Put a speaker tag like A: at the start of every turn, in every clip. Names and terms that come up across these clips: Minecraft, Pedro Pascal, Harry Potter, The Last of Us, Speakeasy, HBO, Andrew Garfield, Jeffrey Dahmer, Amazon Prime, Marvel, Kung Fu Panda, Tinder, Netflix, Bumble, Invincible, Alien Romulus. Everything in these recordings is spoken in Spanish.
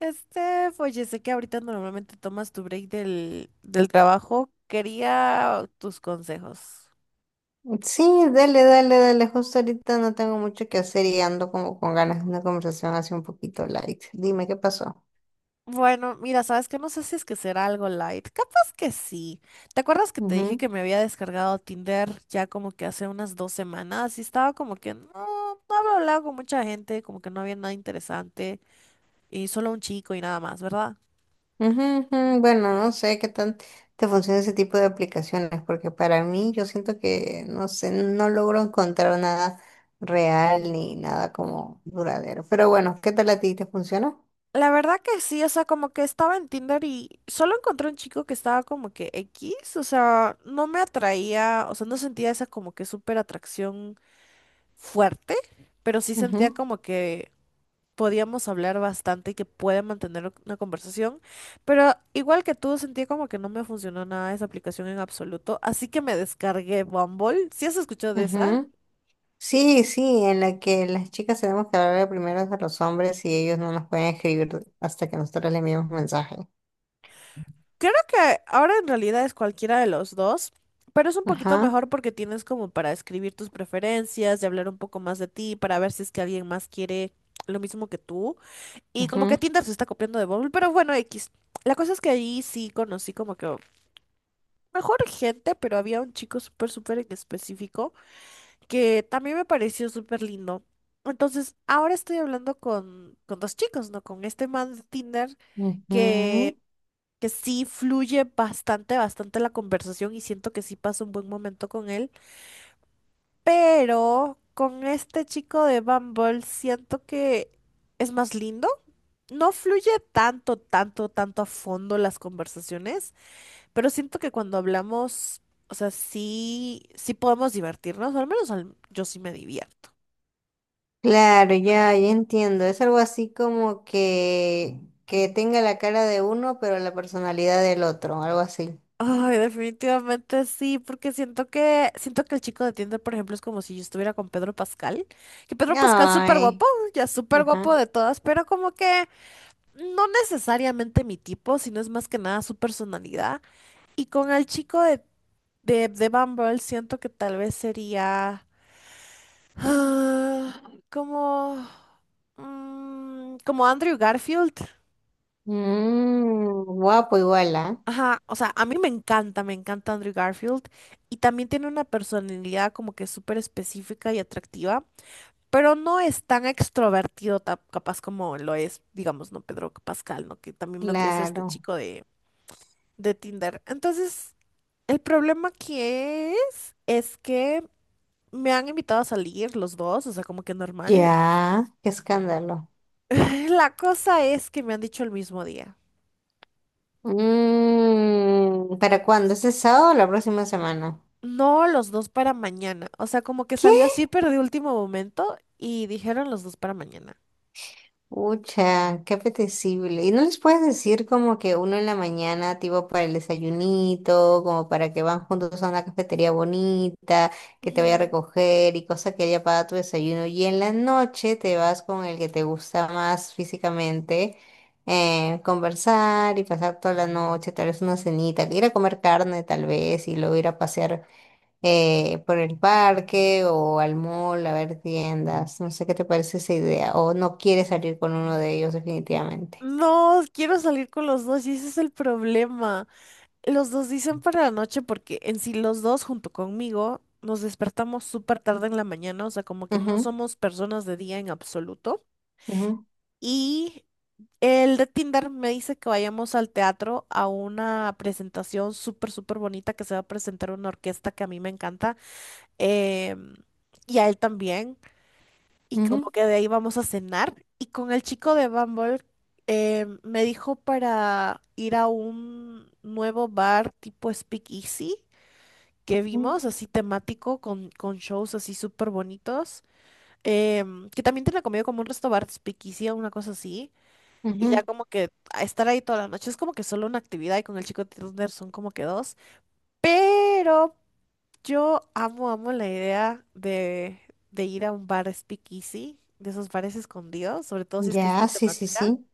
A: Oye, sé que ahorita normalmente tomas tu break del trabajo. Quería tus consejos.
B: Sí, dale, dale, dale. Justo ahorita no tengo mucho que hacer y ando como con ganas de una conversación así un poquito light. Dime qué pasó.
A: Bueno, mira, sabes que no sé si es que será algo light. Capaz que sí. ¿Te acuerdas que te dije
B: Ujú,
A: que me había descargado Tinder ya como que hace unas dos semanas? Y estaba como que no había hablado con mucha gente, como que no había nada interesante. Y solo un chico y nada más, ¿verdad?
B: ujú, ujú. Bueno, no sé qué tan te funciona ese tipo de aplicaciones, porque para mí yo siento que, no sé, no logro encontrar nada real
A: Ujú.
B: ni nada como duradero. Pero bueno, ¿qué tal a ti? ¿Te funciona?
A: La verdad que sí, o sea, como que estaba en Tinder y solo encontré un chico que estaba como que X, o sea, no me atraía, o sea, no sentía esa como que súper atracción fuerte, pero sí sentía
B: Ujú,
A: como que podíamos hablar bastante y que puede mantener una conversación, pero igual que tú, sentía como que no me funcionó nada esa aplicación en absoluto, así que me descargué Bumble. ¿Sí has escuchado de esa?
B: ujú. Sí, sí, en la que las chicas tenemos que hablar primero a los hombres y ellos no nos pueden escribir hasta que nosotros les enviamos mensajes.
A: Creo que ahora en realidad es cualquiera de los dos, pero es un poquito
B: Ajá,
A: mejor porque tienes como para escribir tus preferencias y hablar un poco más de ti, para ver si es que alguien más quiere lo mismo que tú. Y como que
B: ajá,
A: Tinder se está copiando de Bumble, pero bueno, X. La cosa es que ahí sí conocí como que mejor gente, pero había un chico súper, súper en específico que también me pareció súper lindo. Entonces, ahora estoy hablando con dos chicos, ¿no? Con este man de Tinder.
B: ujú.
A: que que sí fluye bastante, bastante la conversación y siento que sí paso un buen momento con él, pero con este chico de Bumble siento que es más lindo. No fluye tanto, tanto, tanto a fondo las conversaciones, pero siento que cuando hablamos, o sea, sí, sí podemos divertirnos, o al menos yo sí me divierto.
B: Claro, ya, ya entiendo. Es algo así como que tenga la cara de uno, pero la personalidad del otro, algo así.
A: Ay, definitivamente sí, porque siento que el chico de Tinder, por ejemplo, es como si yo estuviera con Pedro Pascal, que Pedro Pascal es súper
B: Ay,
A: guapo, ya súper
B: ajá.
A: guapo de todas, pero como que no necesariamente mi tipo, sino es más que nada su personalidad. Y con el chico de Bumble siento que tal vez sería ah, como, como Andrew Garfield.
B: Guapo igual, ¿ah?
A: Ajá, o sea, a mí me encanta Andrew Garfield y también tiene una personalidad como que súper específica y atractiva, pero no es tan extrovertido capaz como lo es, digamos, no Pedro Pascal, ¿no? Que también vendría a ser este
B: Claro.
A: chico de Tinder. Entonces, el problema que es que me han invitado a salir los dos, o sea, como que normal.
B: Ya, qué escándalo.
A: La cosa es que me han dicho el mismo día.
B: ¿Para cuándo? ¿Este sábado o la próxima semana?
A: No, los dos para mañana. O sea, como que
B: ¿Qué?
A: salió así, pero de último momento y dijeron los dos para mañana.
B: Ucha, qué apetecible. ¿Y no les puedes decir como que uno en la mañana, tipo para el desayunito, como para que van juntos a una cafetería bonita, que te vaya a
A: Ujú.
B: recoger y cosa que haya para tu desayuno? Y en la noche te vas con el que te gusta más físicamente, conversar y pasar toda la noche, tal vez una cenita, ir a comer carne tal vez y luego ir a pasear por el parque o al mall a ver tiendas. No sé qué te parece esa idea. O no quieres salir con uno de ellos definitivamente.
A: No, quiero salir con los dos y ese es el problema. Los dos dicen para la noche porque en sí los dos junto conmigo nos despertamos súper tarde en la mañana, o sea, como que no
B: Ujú,
A: somos personas de día en absoluto.
B: ujú,
A: Y el de Tinder me dice que vayamos al teatro a una presentación súper, súper bonita que se va a presentar una orquesta que a mí me encanta. em, y a él también, y
B: ujú,
A: como que de ahí vamos a cenar. Y con el chico de Bumble me dijo para ir a un nuevo bar tipo Speakeasy que vimos,
B: ujú,
A: así temático, con shows así súper bonitos, que también tiene comida como un resto bar Speakeasy o una cosa así. Y ya
B: ujú.
A: como que a estar ahí toda la noche es como que solo una actividad y con el chico de Tinder son como que dos. Pero yo amo, amo la idea de ir a un bar speakeasy, de esos bares escondidos, sobre todo si es que es
B: Ya,
A: de
B: sí, sí,
A: temática.
B: sí.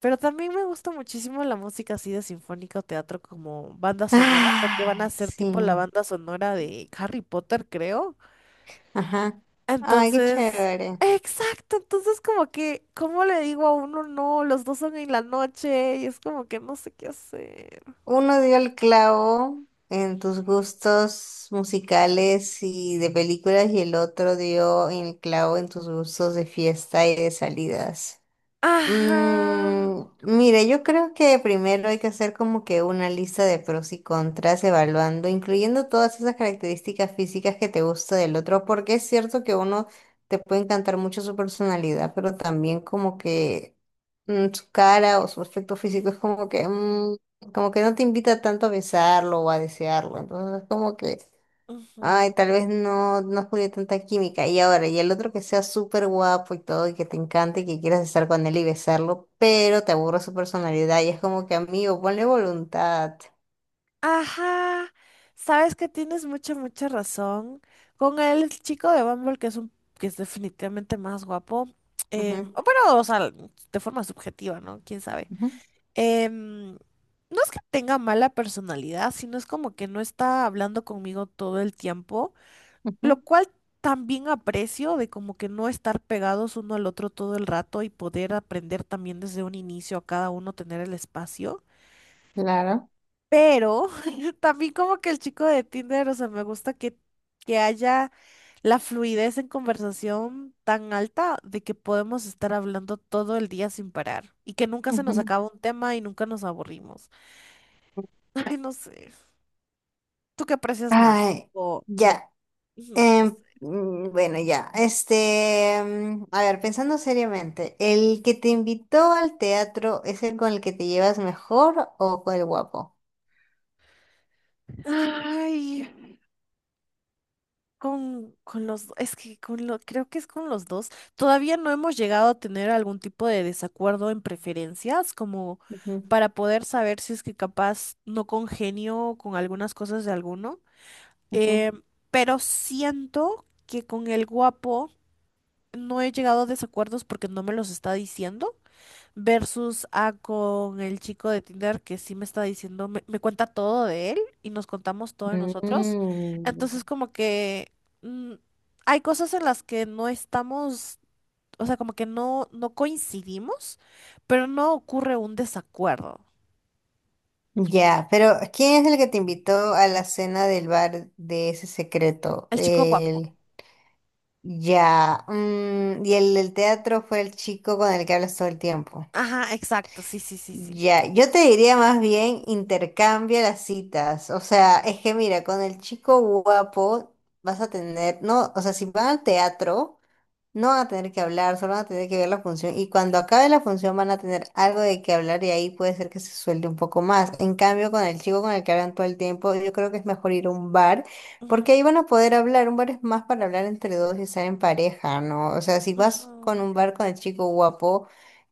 A: Pero también me gusta muchísimo la música así de sinfónica o teatro como banda sonora, porque van
B: Ah,
A: a ser
B: sí.
A: tipo la banda sonora de Harry Potter, creo.
B: Ajá. Ay, qué
A: Entonces,
B: chévere.
A: exacto, entonces como que, ¿cómo le digo a uno no? Los dos son en la noche y es como que no sé qué hacer.
B: Uno dio el clavo en tus gustos musicales y de películas y el otro dio el clavo en tus gustos de fiesta y de salidas.
A: Ajá.
B: Mire, yo creo que primero hay que hacer como que una lista de pros y contras, evaluando, incluyendo todas esas características físicas que te gusta del otro, porque es cierto que uno te puede encantar mucho su personalidad, pero también como que su cara o su aspecto físico es como que no te invita tanto a besarlo o a desearlo, entonces es como que.
A: Ujú.
B: Ay, tal vez no, no jugué tanta química. Y ahora, y el otro que sea súper guapo y todo, y que te encante, y que quieras estar con él y besarlo, pero te aburre su personalidad. Y es como que, amigo, ponle voluntad.
A: Ajá, sabes que tienes mucha, mucha razón. Con el chico de Bumble, que es definitivamente más guapo.
B: Ujú,
A: O bueno, o sea, de forma subjetiva, ¿no? ¿Quién sabe?
B: ujú,
A: Em, no es que tenga mala personalidad, sino es como que no está hablando conmigo todo el tiempo,
B: ujú.
A: lo cual también aprecio de como que no estar pegados uno al otro todo el rato y poder aprender también desde un inicio a cada uno tener el espacio.
B: Claro.
A: Pero también como que el chico de Tinder, o sea, que haya la fluidez en conversación tan alta de que podemos estar hablando todo el día sin parar y que nunca se nos
B: Ujú.
A: acaba un tema y nunca nos aburrimos. Ay, no sé. ¿Tú qué aprecias más?
B: Ay,
A: O,
B: ya.
A: ujú, no sé.
B: Bueno, ya. A ver, pensando seriamente, ¿el que te invitó al teatro es el con el que te llevas mejor o con el guapo?
A: Ay, es que con lo, creo que es con los dos. Todavía no hemos llegado a tener algún tipo de desacuerdo en preferencias, como
B: Ujú,
A: para poder saber si es que capaz no congenio con algunas cosas de alguno.
B: ujú.
A: Eh, pero siento que con el guapo no he llegado a desacuerdos porque no me los está diciendo. Versus a con el chico de Tinder que sí me está diciendo, me cuenta todo de él y nos contamos todo de nosotros.
B: Mm.
A: Entonces como que mm, hay cosas en las que no estamos, o sea, como que no, no coincidimos, pero no ocurre un desacuerdo.
B: Ya, pero ¿quién es el que te invitó a la cena del bar de ese secreto?
A: El chico guapo.
B: El... Ya, y el del teatro fue el chico con el que hablas todo el tiempo.
A: Ajá, exacto, sí, sí, sí, sí.
B: Ya, yo te diría más bien intercambia las citas. O sea, es que mira, con el chico guapo vas a tener, no, o sea, si van al teatro. No van a tener que hablar, solo van a tener que ver la función y cuando acabe la función van a tener algo de que hablar y ahí puede ser que se suelte un poco más. En cambio, con el chico con el que hablan todo el tiempo, yo creo que es mejor ir a un bar
A: Ujú,
B: porque ahí van a poder hablar. Un bar es más para hablar entre dos y estar en pareja, ¿no? O sea, si vas con
A: ujú,
B: un bar con el chico guapo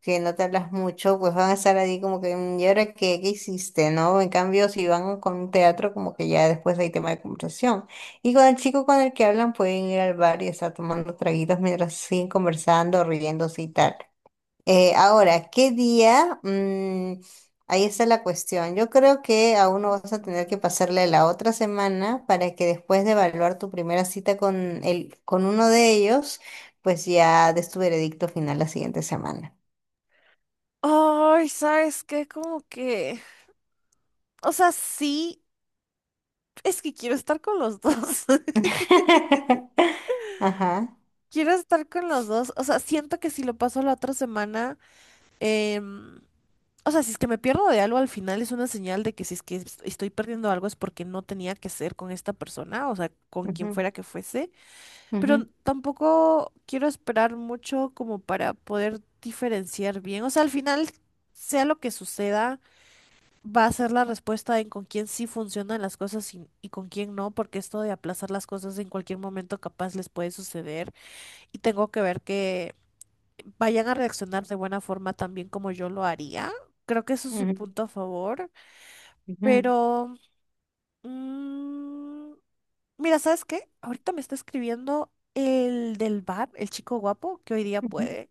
B: que no te hablas mucho, pues van a estar ahí como que, "Mm, ¿y ahora qué, qué hiciste, no?" En cambio, si van con un teatro, como que ya después hay tema de conversación. Y con el chico con el que hablan pueden ir al bar y estar tomando traguitos mientras siguen conversando, riéndose y tal. Ahora, ¿qué día? Ahí está la cuestión. Yo creo que aún no vas a tener que
A: ujú.
B: pasarle la otra semana para que después de evaluar tu primera cita con con uno de ellos, pues ya des tu veredicto final la siguiente semana.
A: Ay, ¿sabes qué? Como que, o sea, sí, es que quiero estar con los dos.
B: Ajá.
A: Quiero estar con los dos. O sea, siento que si lo paso la otra semana, em, o sea, si es que me pierdo de algo al final es una señal de que si es que es- estoy perdiendo algo es porque no tenía que ser con esta persona, o sea, con quien
B: Ujú,
A: fuera que fuese.
B: ujú,
A: Pero tampoco quiero esperar mucho como para poder diferenciar bien. O sea, al final, sea lo que suceda, va a ser la respuesta en con quién sí funcionan las cosas y con quién no, porque esto de aplazar las cosas en cualquier momento capaz les puede suceder y tengo que ver que vayan a reaccionar de buena forma también como yo lo haría. Creo que eso es un
B: ujú,
A: punto a favor,
B: ujú,
A: pero mm, mira, ¿sabes qué? Ahorita me está escribiendo el del bar, el chico guapo, que hoy día
B: ujú.
A: puede.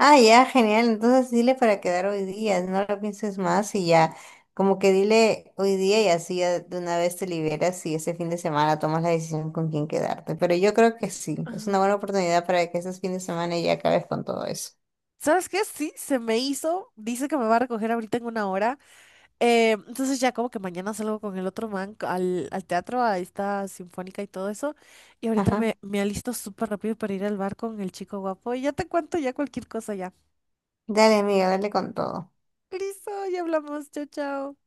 B: Ah, ya, genial. Entonces dile para quedar hoy día, no lo pienses más y ya, como que dile hoy día y así ya de una vez te liberas y ese fin de semana tomas la decisión con quién quedarte. Pero yo creo que sí, es una
A: Ajá.
B: buena oportunidad para que ese fin de semana ya acabes con todo eso.
A: ¿Sabes qué? Sí, se me hizo. Dice que me va a recoger ahorita en una hora. Entonces ya como que mañana salgo con el otro man al teatro, a esta sinfónica y todo eso. Y ahorita
B: Ajá.
A: me alisto súper rápido para ir al bar con el chico guapo. Y ya te cuento ya cualquier cosa ya.
B: Dale, amiga, dale con todo.
A: Listo, ya hablamos. Chao, chao.